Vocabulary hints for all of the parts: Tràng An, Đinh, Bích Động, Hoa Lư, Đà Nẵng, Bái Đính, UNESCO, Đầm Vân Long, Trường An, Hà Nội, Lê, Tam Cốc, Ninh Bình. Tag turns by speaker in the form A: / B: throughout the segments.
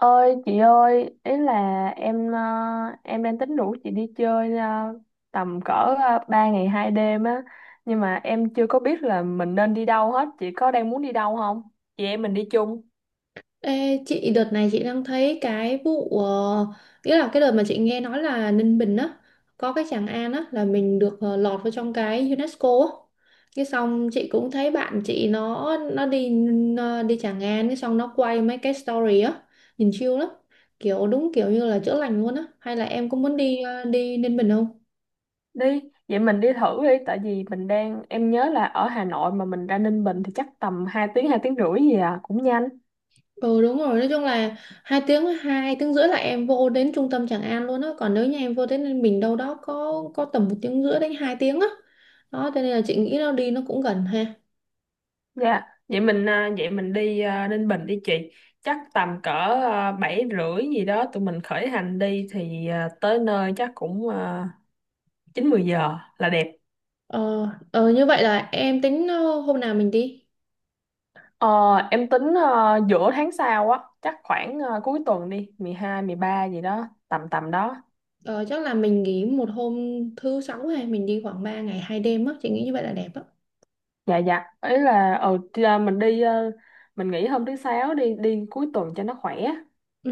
A: Ơi chị ơi ý là em em đang tính rủ chị đi chơi tầm cỡ 3 ngày 2 đêm á, nhưng mà em chưa có biết là mình nên đi đâu hết. Chị có đang muốn đi đâu không? Chị em mình đi chung
B: Ê, chị đợt này chị đang thấy cái vụ, nghĩa là cái đợt mà chị nghe nói là Ninh Bình á, có cái Tràng An á là mình được lọt vào trong cái UNESCO á. Cái xong chị cũng thấy bạn chị nó đi, đi Tràng An. Cái xong nó quay mấy cái story á, nhìn chill lắm, kiểu đúng kiểu như là chữa lành luôn á. Hay là em cũng muốn đi đi Ninh Bình không?
A: đi. Vậy mình đi thử đi, tại vì mình đang em nhớ là ở Hà Nội mà mình ra Ninh Bình thì chắc tầm 2 tiếng 2 tiếng rưỡi gì à, cũng nhanh.
B: Ừ đúng rồi, nói chung là 2 tiếng 2 tiếng rưỡi là em vô đến trung tâm Tràng An luôn á, còn nếu như em vô đến Ninh Bình đâu đó có tầm 1 tiếng rưỡi đến 2 tiếng á. Đó, cho nên là chị nghĩ nó đi nó cũng gần ha.
A: Dạ, vậy mình đi Ninh Bình đi chị. Chắc tầm cỡ 7 rưỡi gì đó tụi mình khởi hành đi thì tới nơi chắc cũng 9, 10 giờ là đẹp.
B: Ờ như vậy là em tính hôm nào mình đi?
A: Ờ, em tính giữa tháng sau á, chắc khoảng cuối tuần đi, 12, ba gì đó, tầm tầm đó.
B: Ờ, chắc là mình nghỉ một hôm thứ sáu, hay mình đi khoảng 3 ngày 2 đêm á, chị nghĩ như vậy là đẹp á.
A: Dạ dạ, ấy là thì, mình nghỉ hôm thứ sáu, đi đi cuối tuần cho nó khỏe.
B: Ừ,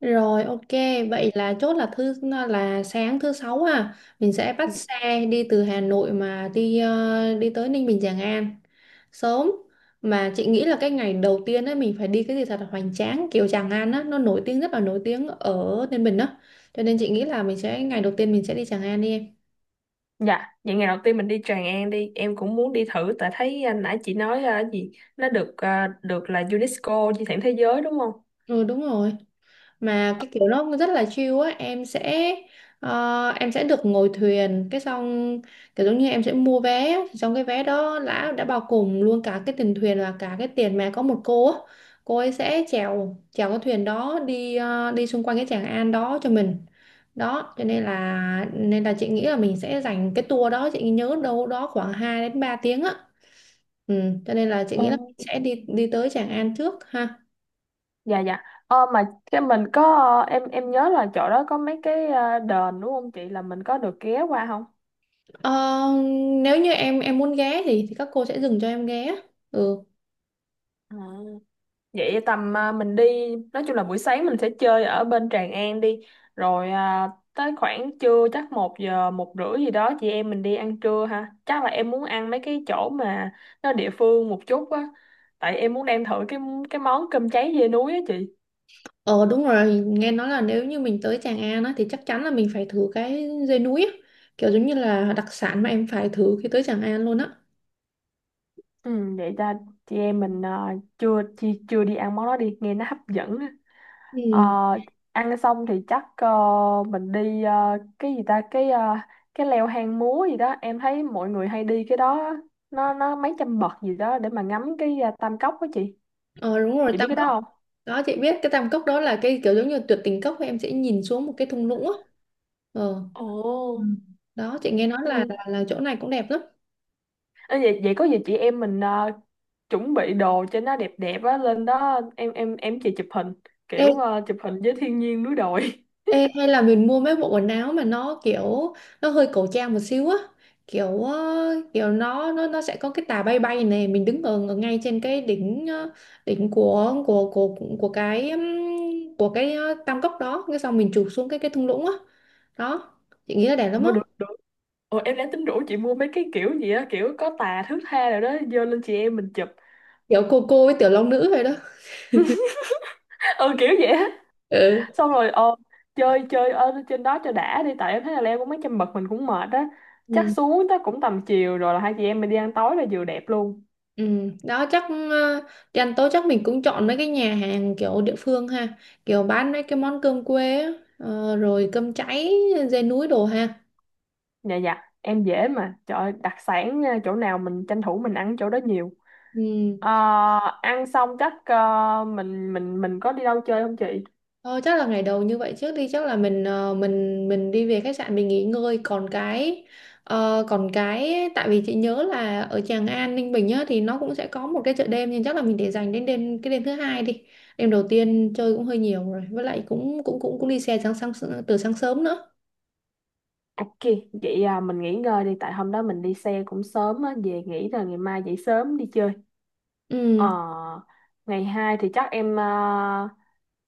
B: rồi ok, vậy là chốt là thứ là sáng thứ sáu ha, mình sẽ bắt xe đi từ Hà Nội mà đi đi tới Ninh Bình Tràng An sớm. Mà chị nghĩ là cái ngày đầu tiên ấy mình phải đi cái gì thật là hoành tráng, kiểu Tràng An á nó nổi tiếng, rất là nổi tiếng ở Ninh Bình đó, cho nên chị nghĩ là mình sẽ ngày đầu tiên mình sẽ đi Tràng An đi em.
A: Dạ, vậy ngày đầu tiên mình đi Tràng An đi, em cũng muốn đi thử tại thấy nãy chị nói gì nó được là UNESCO di sản thế giới đúng không?
B: Ừ đúng rồi, mà cái kiểu nó rất là chill á. Em sẽ được ngồi thuyền, cái xong kiểu giống như em sẽ mua vé, trong cái vé đó đã bao gồm luôn cả cái tiền thuyền và cả cái tiền mà có một cô á, cô ấy sẽ chèo chèo cái thuyền đó đi đi xung quanh cái Tràng An đó cho mình. Đó cho nên là chị nghĩ là mình sẽ dành cái tour đó, chị nhớ đâu đó khoảng 2 đến 3 tiếng á. Ừ, cho nên là chị nghĩ là
A: Ừ.
B: mình sẽ đi đi tới Tràng An trước ha.
A: Dạ dạ. Mà cái mình có em nhớ là chỗ đó có mấy cái đền đúng không chị, là mình có được ghé qua không?
B: Ờ, nếu như em muốn ghé thì các cô sẽ dừng cho em ghé. Ừ.
A: À. Vậy tầm mình đi, nói chung là buổi sáng mình sẽ chơi ở bên Tràng An đi rồi tới khoảng trưa chắc 1 giờ 1 rưỡi gì đó chị em mình đi ăn trưa ha. Chắc là em muốn ăn mấy cái chỗ mà nó địa phương một chút á, tại em muốn đem thử cái món cơm cháy dê núi á chị.
B: Ờ đúng rồi, nghe nói là nếu như mình tới Tràng An á, thì chắc chắn là mình phải thử cái dê núi á. Kiểu giống như là đặc sản mà em phải thử khi tới Tràng An luôn á.
A: Ừ, vậy ta, chị em mình chưa chưa chưa đi ăn món đó đi, nghe nó hấp dẫn. Ờ,
B: Ừ.
A: ăn xong thì chắc mình đi cái gì ta, cái cái leo hang múa gì đó em thấy mọi người hay đi cái đó á. Nó mấy trăm bậc gì đó để mà ngắm cái Tam Cốc đó chị
B: Ờ đúng rồi,
A: chị biết
B: Tam
A: cái
B: Cốc.
A: đó không?
B: Đó chị biết cái Tam Cốc đó là cái kiểu giống như tuyệt tình cốc, em sẽ nhìn xuống một cái thung lũng á. Ờ. Ừ.
A: Ồ,
B: Đó chị nghe nói là,
A: ừ.
B: là chỗ này cũng đẹp lắm.
A: Ơ vậy vậy có gì chị em mình chuẩn bị đồ cho nó đẹp đẹp á lên đó, em chị chụp hình kiểu chụp hình với thiên nhiên núi đồi.
B: Ê, hay là mình mua mấy bộ quần áo mà nó kiểu nó hơi cổ trang một xíu á, kiểu kiểu nó sẽ có cái tà bay bay này, mình đứng ở, ở ngay trên cái đỉnh đỉnh của cái tam cốc đó, cái xong mình chụp xuống cái thung lũng á. Đó chị nghĩ là đẹp lắm á,
A: Ủa được được. Ồ, em đang tính rủ chị mua mấy cái kiểu gì á, kiểu có tà thước tha rồi đó vô lên chị em mình chụp.
B: kiểu cô với tiểu long nữ vậy đó.
A: Ừ kiểu vậy.
B: Ừ.
A: Xong rồi chơi chơi ở trên đó cho đã đi, tại em thấy là leo cũng mấy trăm bậc mình cũng mệt á, chắc
B: Ừ.
A: xuống tới cũng tầm chiều rồi là hai chị em mình đi ăn tối là vừa đẹp luôn.
B: Ừ, đó chắc ờ, dành tối chắc mình cũng chọn mấy cái nhà hàng kiểu địa phương ha, kiểu bán mấy cái món cơm quê á, rồi cơm cháy dê núi đồ ha.
A: Dạ dạ em dễ mà, trời ơi, đặc sản nha, chỗ nào mình tranh thủ mình ăn chỗ đó nhiều.
B: Ừ.
A: Ờ, ăn xong chắc mình có đi đâu chơi không chị?
B: Thôi chắc là ngày đầu như vậy trước đi, chắc là mình mình đi về khách sạn mình nghỉ ngơi, còn cái còn cái tại vì chị nhớ là ở Tràng An Ninh Bình á thì nó cũng sẽ có một cái chợ đêm, nhưng chắc là mình để dành đến đêm cái đêm thứ hai đi. Đêm đầu tiên chơi cũng hơi nhiều rồi, với lại cũng cũng cũng cũng đi xe sáng sáng từ sáng sớm nữa.
A: Ok, vậy mình nghỉ ngơi đi, tại hôm đó mình đi xe cũng sớm á, về nghỉ rồi ngày mai dậy sớm đi chơi. Ờ,
B: Ừ.
A: ngày 2 thì chắc em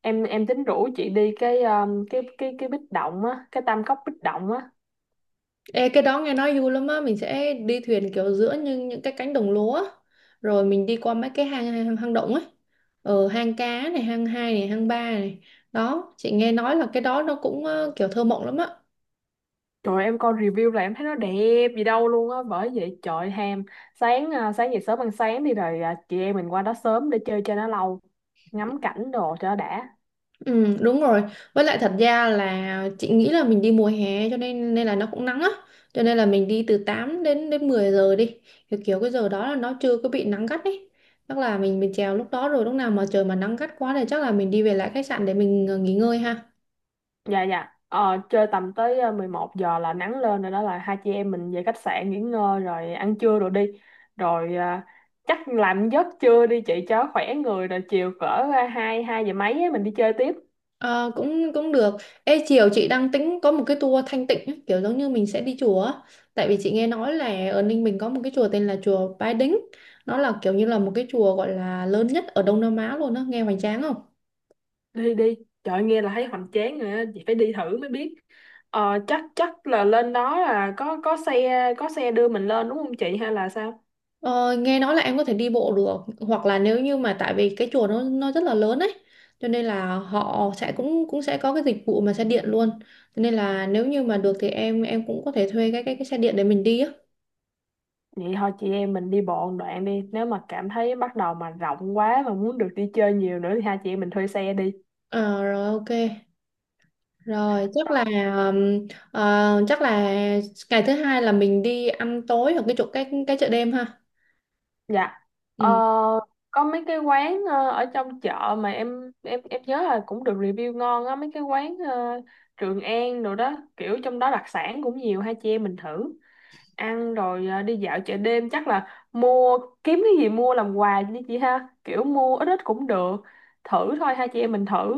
A: em tính rủ chị đi cái cái Bích Động á, cái Tam Cốc Bích Động á.
B: Ê, cái đó nghe nói vui lắm á, mình sẽ đi thuyền kiểu giữa những cái cánh đồng lúa á, rồi mình đi qua mấy cái hang hang, hang động ấy. Ờ, hang cá này, hang hai này, hang ba này. Đó chị nghe nói là cái đó nó cũng kiểu thơ mộng lắm á.
A: Trời ơi, em coi review là em thấy nó đẹp gì đâu luôn á, bởi vậy trời ham. Sáng dậy sớm ăn sáng đi rồi chị em mình qua đó sớm để chơi cho nó lâu, ngắm cảnh đồ cho nó đã.
B: Ừ đúng rồi, với lại thật ra là chị nghĩ là mình đi mùa hè cho nên nên là nó cũng nắng á, cho nên là mình đi từ 8 đến đến 10 giờ đi, kiểu, kiểu cái giờ đó là nó chưa có bị nắng gắt ấy. Chắc là mình chèo lúc đó, rồi lúc nào mà trời mà nắng gắt quá thì chắc là mình đi về lại khách sạn để mình nghỉ ngơi ha.
A: Dạ dạ. Ờ, chơi tầm tới 11 giờ là nắng lên rồi đó, là hai chị em mình về khách sạn nghỉ ngơi rồi ăn trưa rồi đi. Rồi chắc làm giấc trưa đi chị cho khỏe người, rồi chiều cỡ 2, 2 giờ mấy á, mình đi chơi tiếp.
B: Ờ, cũng cũng được. Ê, chiều chị đang tính có một cái tour Thanh Tịnh ấy, kiểu giống như mình sẽ đi chùa á. Tại vì chị nghe nói là ở Ninh Bình có một cái chùa tên là chùa Bái Đính. Nó là kiểu như là một cái chùa gọi là lớn nhất ở Đông Nam Á luôn á, nghe hoành tráng không?
A: Đi đi. Trời ơi, nghe là thấy hoành tráng rồi á, chị phải đi thử mới biết. Chắc chắc là lên đó là có xe có xe đưa mình lên đúng không chị hay là sao?
B: Ờ, nghe nói là em có thể đi bộ được, hoặc là nếu như mà tại vì cái chùa nó rất là lớn ấy, cho nên là họ sẽ cũng cũng sẽ có cái dịch vụ mà xe điện luôn, cho nên là nếu như mà được thì em cũng có thể thuê cái xe điện để mình đi á.
A: Vậy thôi chị em mình đi bộ một đoạn đi. Nếu mà cảm thấy bắt đầu mà rộng quá mà muốn được đi chơi nhiều nữa thì hai chị em mình thuê xe đi.
B: Ờ, rồi ok. Rồi chắc là chắc là ngày thứ hai là mình đi ăn tối ở cái chỗ cái chợ đêm ha.
A: Dạ. Ờ,
B: Ừ.
A: có mấy cái quán ở trong chợ mà em nhớ là cũng được review ngon á, mấy cái quán Trường An rồi đó, kiểu trong đó đặc sản cũng nhiều, hai chị em mình thử ăn rồi đi dạo chợ đêm chắc là mua kiếm cái gì mua làm quà đi chị ha, kiểu mua ít ít cũng được thử thôi, hai chị em mình thử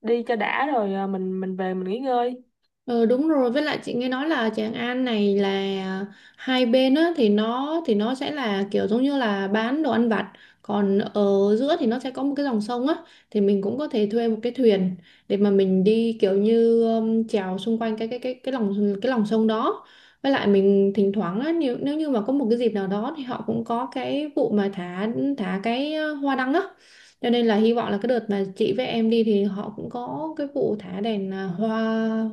A: đi cho đã rồi mình về mình nghỉ ngơi.
B: Ừ, đúng rồi, với lại chị nghe nói là Tràng An này là à, hai bên á thì nó sẽ là kiểu giống như là bán đồ ăn vặt, còn ở giữa thì nó sẽ có một cái dòng sông á, thì mình cũng có thể thuê một cái thuyền để mà mình đi kiểu như chèo xung quanh cái lòng sông đó. Với lại mình thỉnh thoảng á, nếu như mà có một cái dịp nào đó thì họ cũng có cái vụ mà thả thả cái hoa đăng á, cho nên là hy vọng là cái đợt mà chị với em đi thì họ cũng có cái vụ thả đèn à, hoa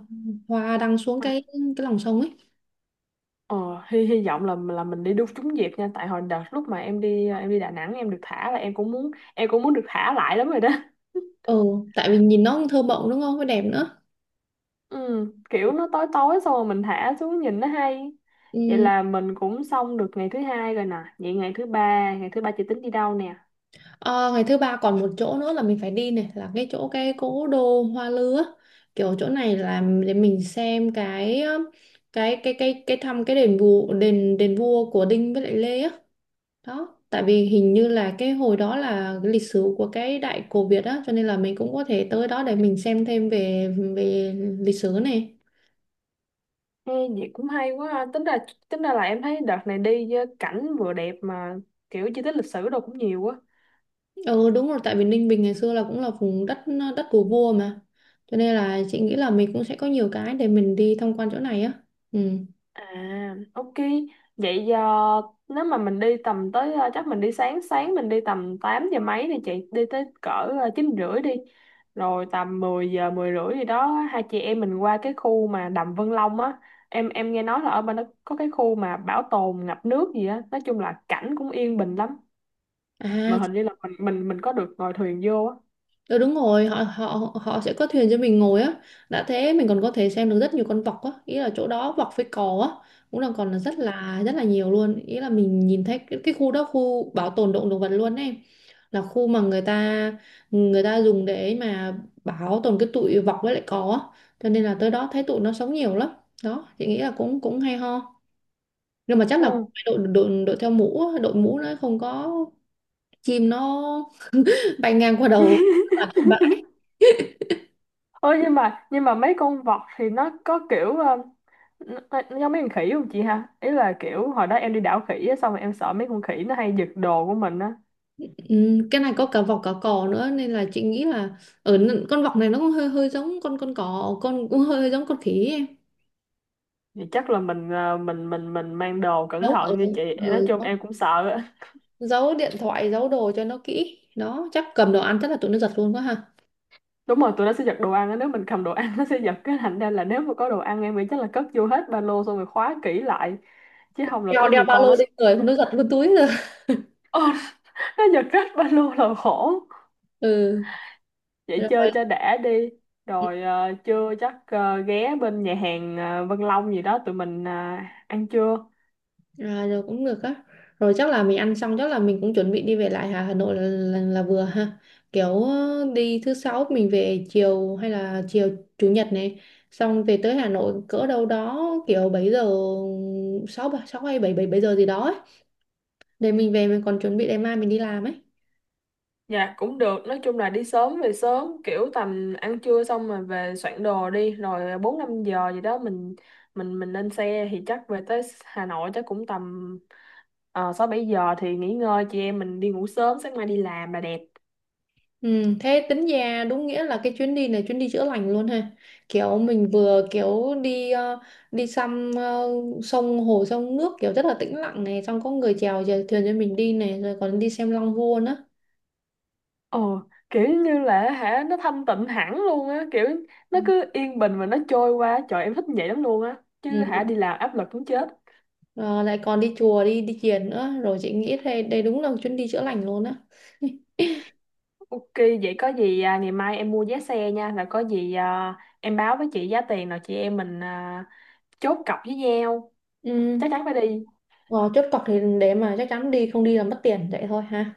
B: hoa đăng xuống cái lòng sông ấy.
A: Ờ, hy hy vọng là mình đi đúng trúng dịp nha, tại hồi đợt lúc mà em đi em đi Đà Nẵng em được thả là em cũng muốn được thả lại lắm rồi đó.
B: Ừ, tại vì nhìn nó cũng thơ mộng đúng không, với đẹp nữa.
A: Ừ, kiểu nó tối tối xong rồi mình thả xuống nhìn nó hay. Vậy
B: Ừ.
A: là mình cũng xong được ngày thứ hai rồi nè, vậy ngày thứ ba, ngày thứ ba chị tính đi đâu nè?
B: Ờ, ngày thứ ba còn một chỗ nữa là mình phải đi này, là cái chỗ cái cố đô Hoa Lư á, kiểu chỗ này là để mình xem cái thăm cái đền vua của Đinh với lại Lê á. Đó tại vì hình như là cái hồi đó là cái lịch sử của cái đại cổ Việt á, cho nên là mình cũng có thể tới đó để mình xem thêm về về lịch sử này.
A: Ê, vậy cũng hay quá ha. Tính ra, tính ra là em thấy đợt này đi với cảnh vừa đẹp mà kiểu di tích lịch sử đâu cũng nhiều quá.
B: Ừ đúng rồi, tại vì Ninh Bình ngày xưa là cũng là vùng đất đất của vua mà, cho nên là chị nghĩ là mình cũng sẽ có nhiều cái để mình đi tham quan chỗ này á. Ừ.
A: À, ok. Vậy giờ nếu mà mình đi tầm tới chắc mình đi sáng sáng mình đi tầm 8 giờ mấy đi chị, đi tới cỡ 9 rưỡi đi. Rồi tầm 10 giờ 10 rưỡi gì đó hai chị em mình qua cái khu mà Đầm Vân Long á. Em nghe nói là ở bên đó có cái khu mà bảo tồn ngập nước gì á, nói chung là cảnh cũng yên bình lắm. Mà
B: À.
A: hình như là mình có được ngồi thuyền vô á.
B: Ừ, đúng rồi, họ họ họ sẽ có thuyền cho mình ngồi á. Đã thế mình còn có thể xem được rất nhiều con vọc á, ý là chỗ đó vọc với cò á, cũng là còn là rất là nhiều luôn, ý là mình nhìn thấy cái khu đó khu bảo tồn động động vật luôn ấy, là khu mà người ta dùng để mà bảo tồn cái tụi vọc với lại cò á, cho nên là tới đó thấy tụi nó sống nhiều lắm. Đó chị nghĩ là cũng cũng hay ho, nhưng mà chắc là
A: Ừ.
B: phải đội đội đội theo mũ á, đội mũ nó không có chim nó bay ngang qua đầu.
A: Ôi nhưng mà mấy con vọt thì nó có kiểu nó, nó giống mấy con khỉ không chị ha? Ý là kiểu hồi đó em đi đảo khỉ á, xong rồi em sợ mấy con khỉ nó hay giật đồ của mình á.
B: Ừ, cái này có cả vọc cả cò nữa nên là chị nghĩ là ở con vọc này nó cũng hơi hơi giống con cò con cũng hơi giống con khỉ ấy em.
A: Thì chắc là mình mang đồ cẩn
B: Giấu ở
A: thận như chị. Nói
B: Ừ,
A: chung
B: đó.
A: em cũng sợ á.
B: Giấu điện thoại, giấu đồ cho nó kỹ đó, chắc cầm đồ ăn chắc là tụi nó giật luôn quá ha.
A: Đúng rồi, tụi nó sẽ giật đồ ăn á, nếu mình cầm đồ ăn nó sẽ giật, cái thành ra là nếu mà có đồ ăn em nghĩ chắc là cất vô hết ba lô xong rồi khóa kỹ lại, chứ không là
B: Đeo
A: có
B: Đeo
A: nhiều
B: ba
A: con
B: lô
A: nó.
B: lên người nó giật luôn túi rồi.
A: Ờ, nó giật rách ba lô là khổ.
B: Ừ.
A: Vậy chơi
B: Rồi.
A: cho đã đi rồi trưa chắc ghé bên nhà hàng Vân Long gì đó tụi mình ăn trưa.
B: À, rồi cũng được á. Rồi chắc là mình ăn xong chắc là mình cũng chuẩn bị đi về lại Hà Hà Nội là vừa ha. Kiểu đi thứ sáu mình về chiều hay là chiều chủ nhật này, xong về tới Hà Nội cỡ đâu đó kiểu 7 giờ 6 6 hay 7 7 7 giờ gì đó ấy. Để mình về mình còn chuẩn bị ngày mai mình đi làm ấy.
A: Dạ cũng được, nói chung là đi sớm về sớm, kiểu tầm ăn trưa xong rồi về soạn đồ đi rồi 4, 5 giờ gì đó mình lên xe thì chắc về tới Hà Nội chắc cũng tầm 6, 7 giờ thì nghỉ ngơi, chị em mình đi ngủ sớm sáng mai đi làm là đẹp.
B: Ừ, thế tính ra đúng nghĩa là cái chuyến đi này chuyến đi chữa lành luôn ha, kiểu mình vừa kiểu đi đi xăm sông hồ sông nước kiểu rất là tĩnh lặng này, xong có người chèo chèo thuyền cho mình đi này, rồi còn đi xem Long Vua nữa.
A: Ồ, kiểu như là hả nó thanh tịnh hẳn luôn á, kiểu
B: Ừ.
A: nó cứ yên bình mà nó trôi qua, trời em thích vậy lắm luôn á. Chứ hả
B: Ừ,
A: đi làm áp lực muốn chết.
B: ờ, lại còn đi chùa đi đi thiền nữa rồi, chị nghĩ đây đây đúng là một chuyến đi chữa lành luôn á.
A: Ok, vậy có gì ngày mai em mua vé xe nha, là có gì em báo với chị giá tiền rồi chị em mình chốt cọc với nhau,
B: Ừ.
A: chắc chắn phải đi.
B: Ờ, chốt cọc thì để mà chắc chắn đi, không đi là mất tiền vậy thôi ha.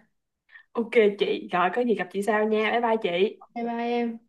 A: Ok chị, rồi có gì gặp chị sau nha, bye bye chị.
B: Bye bye em.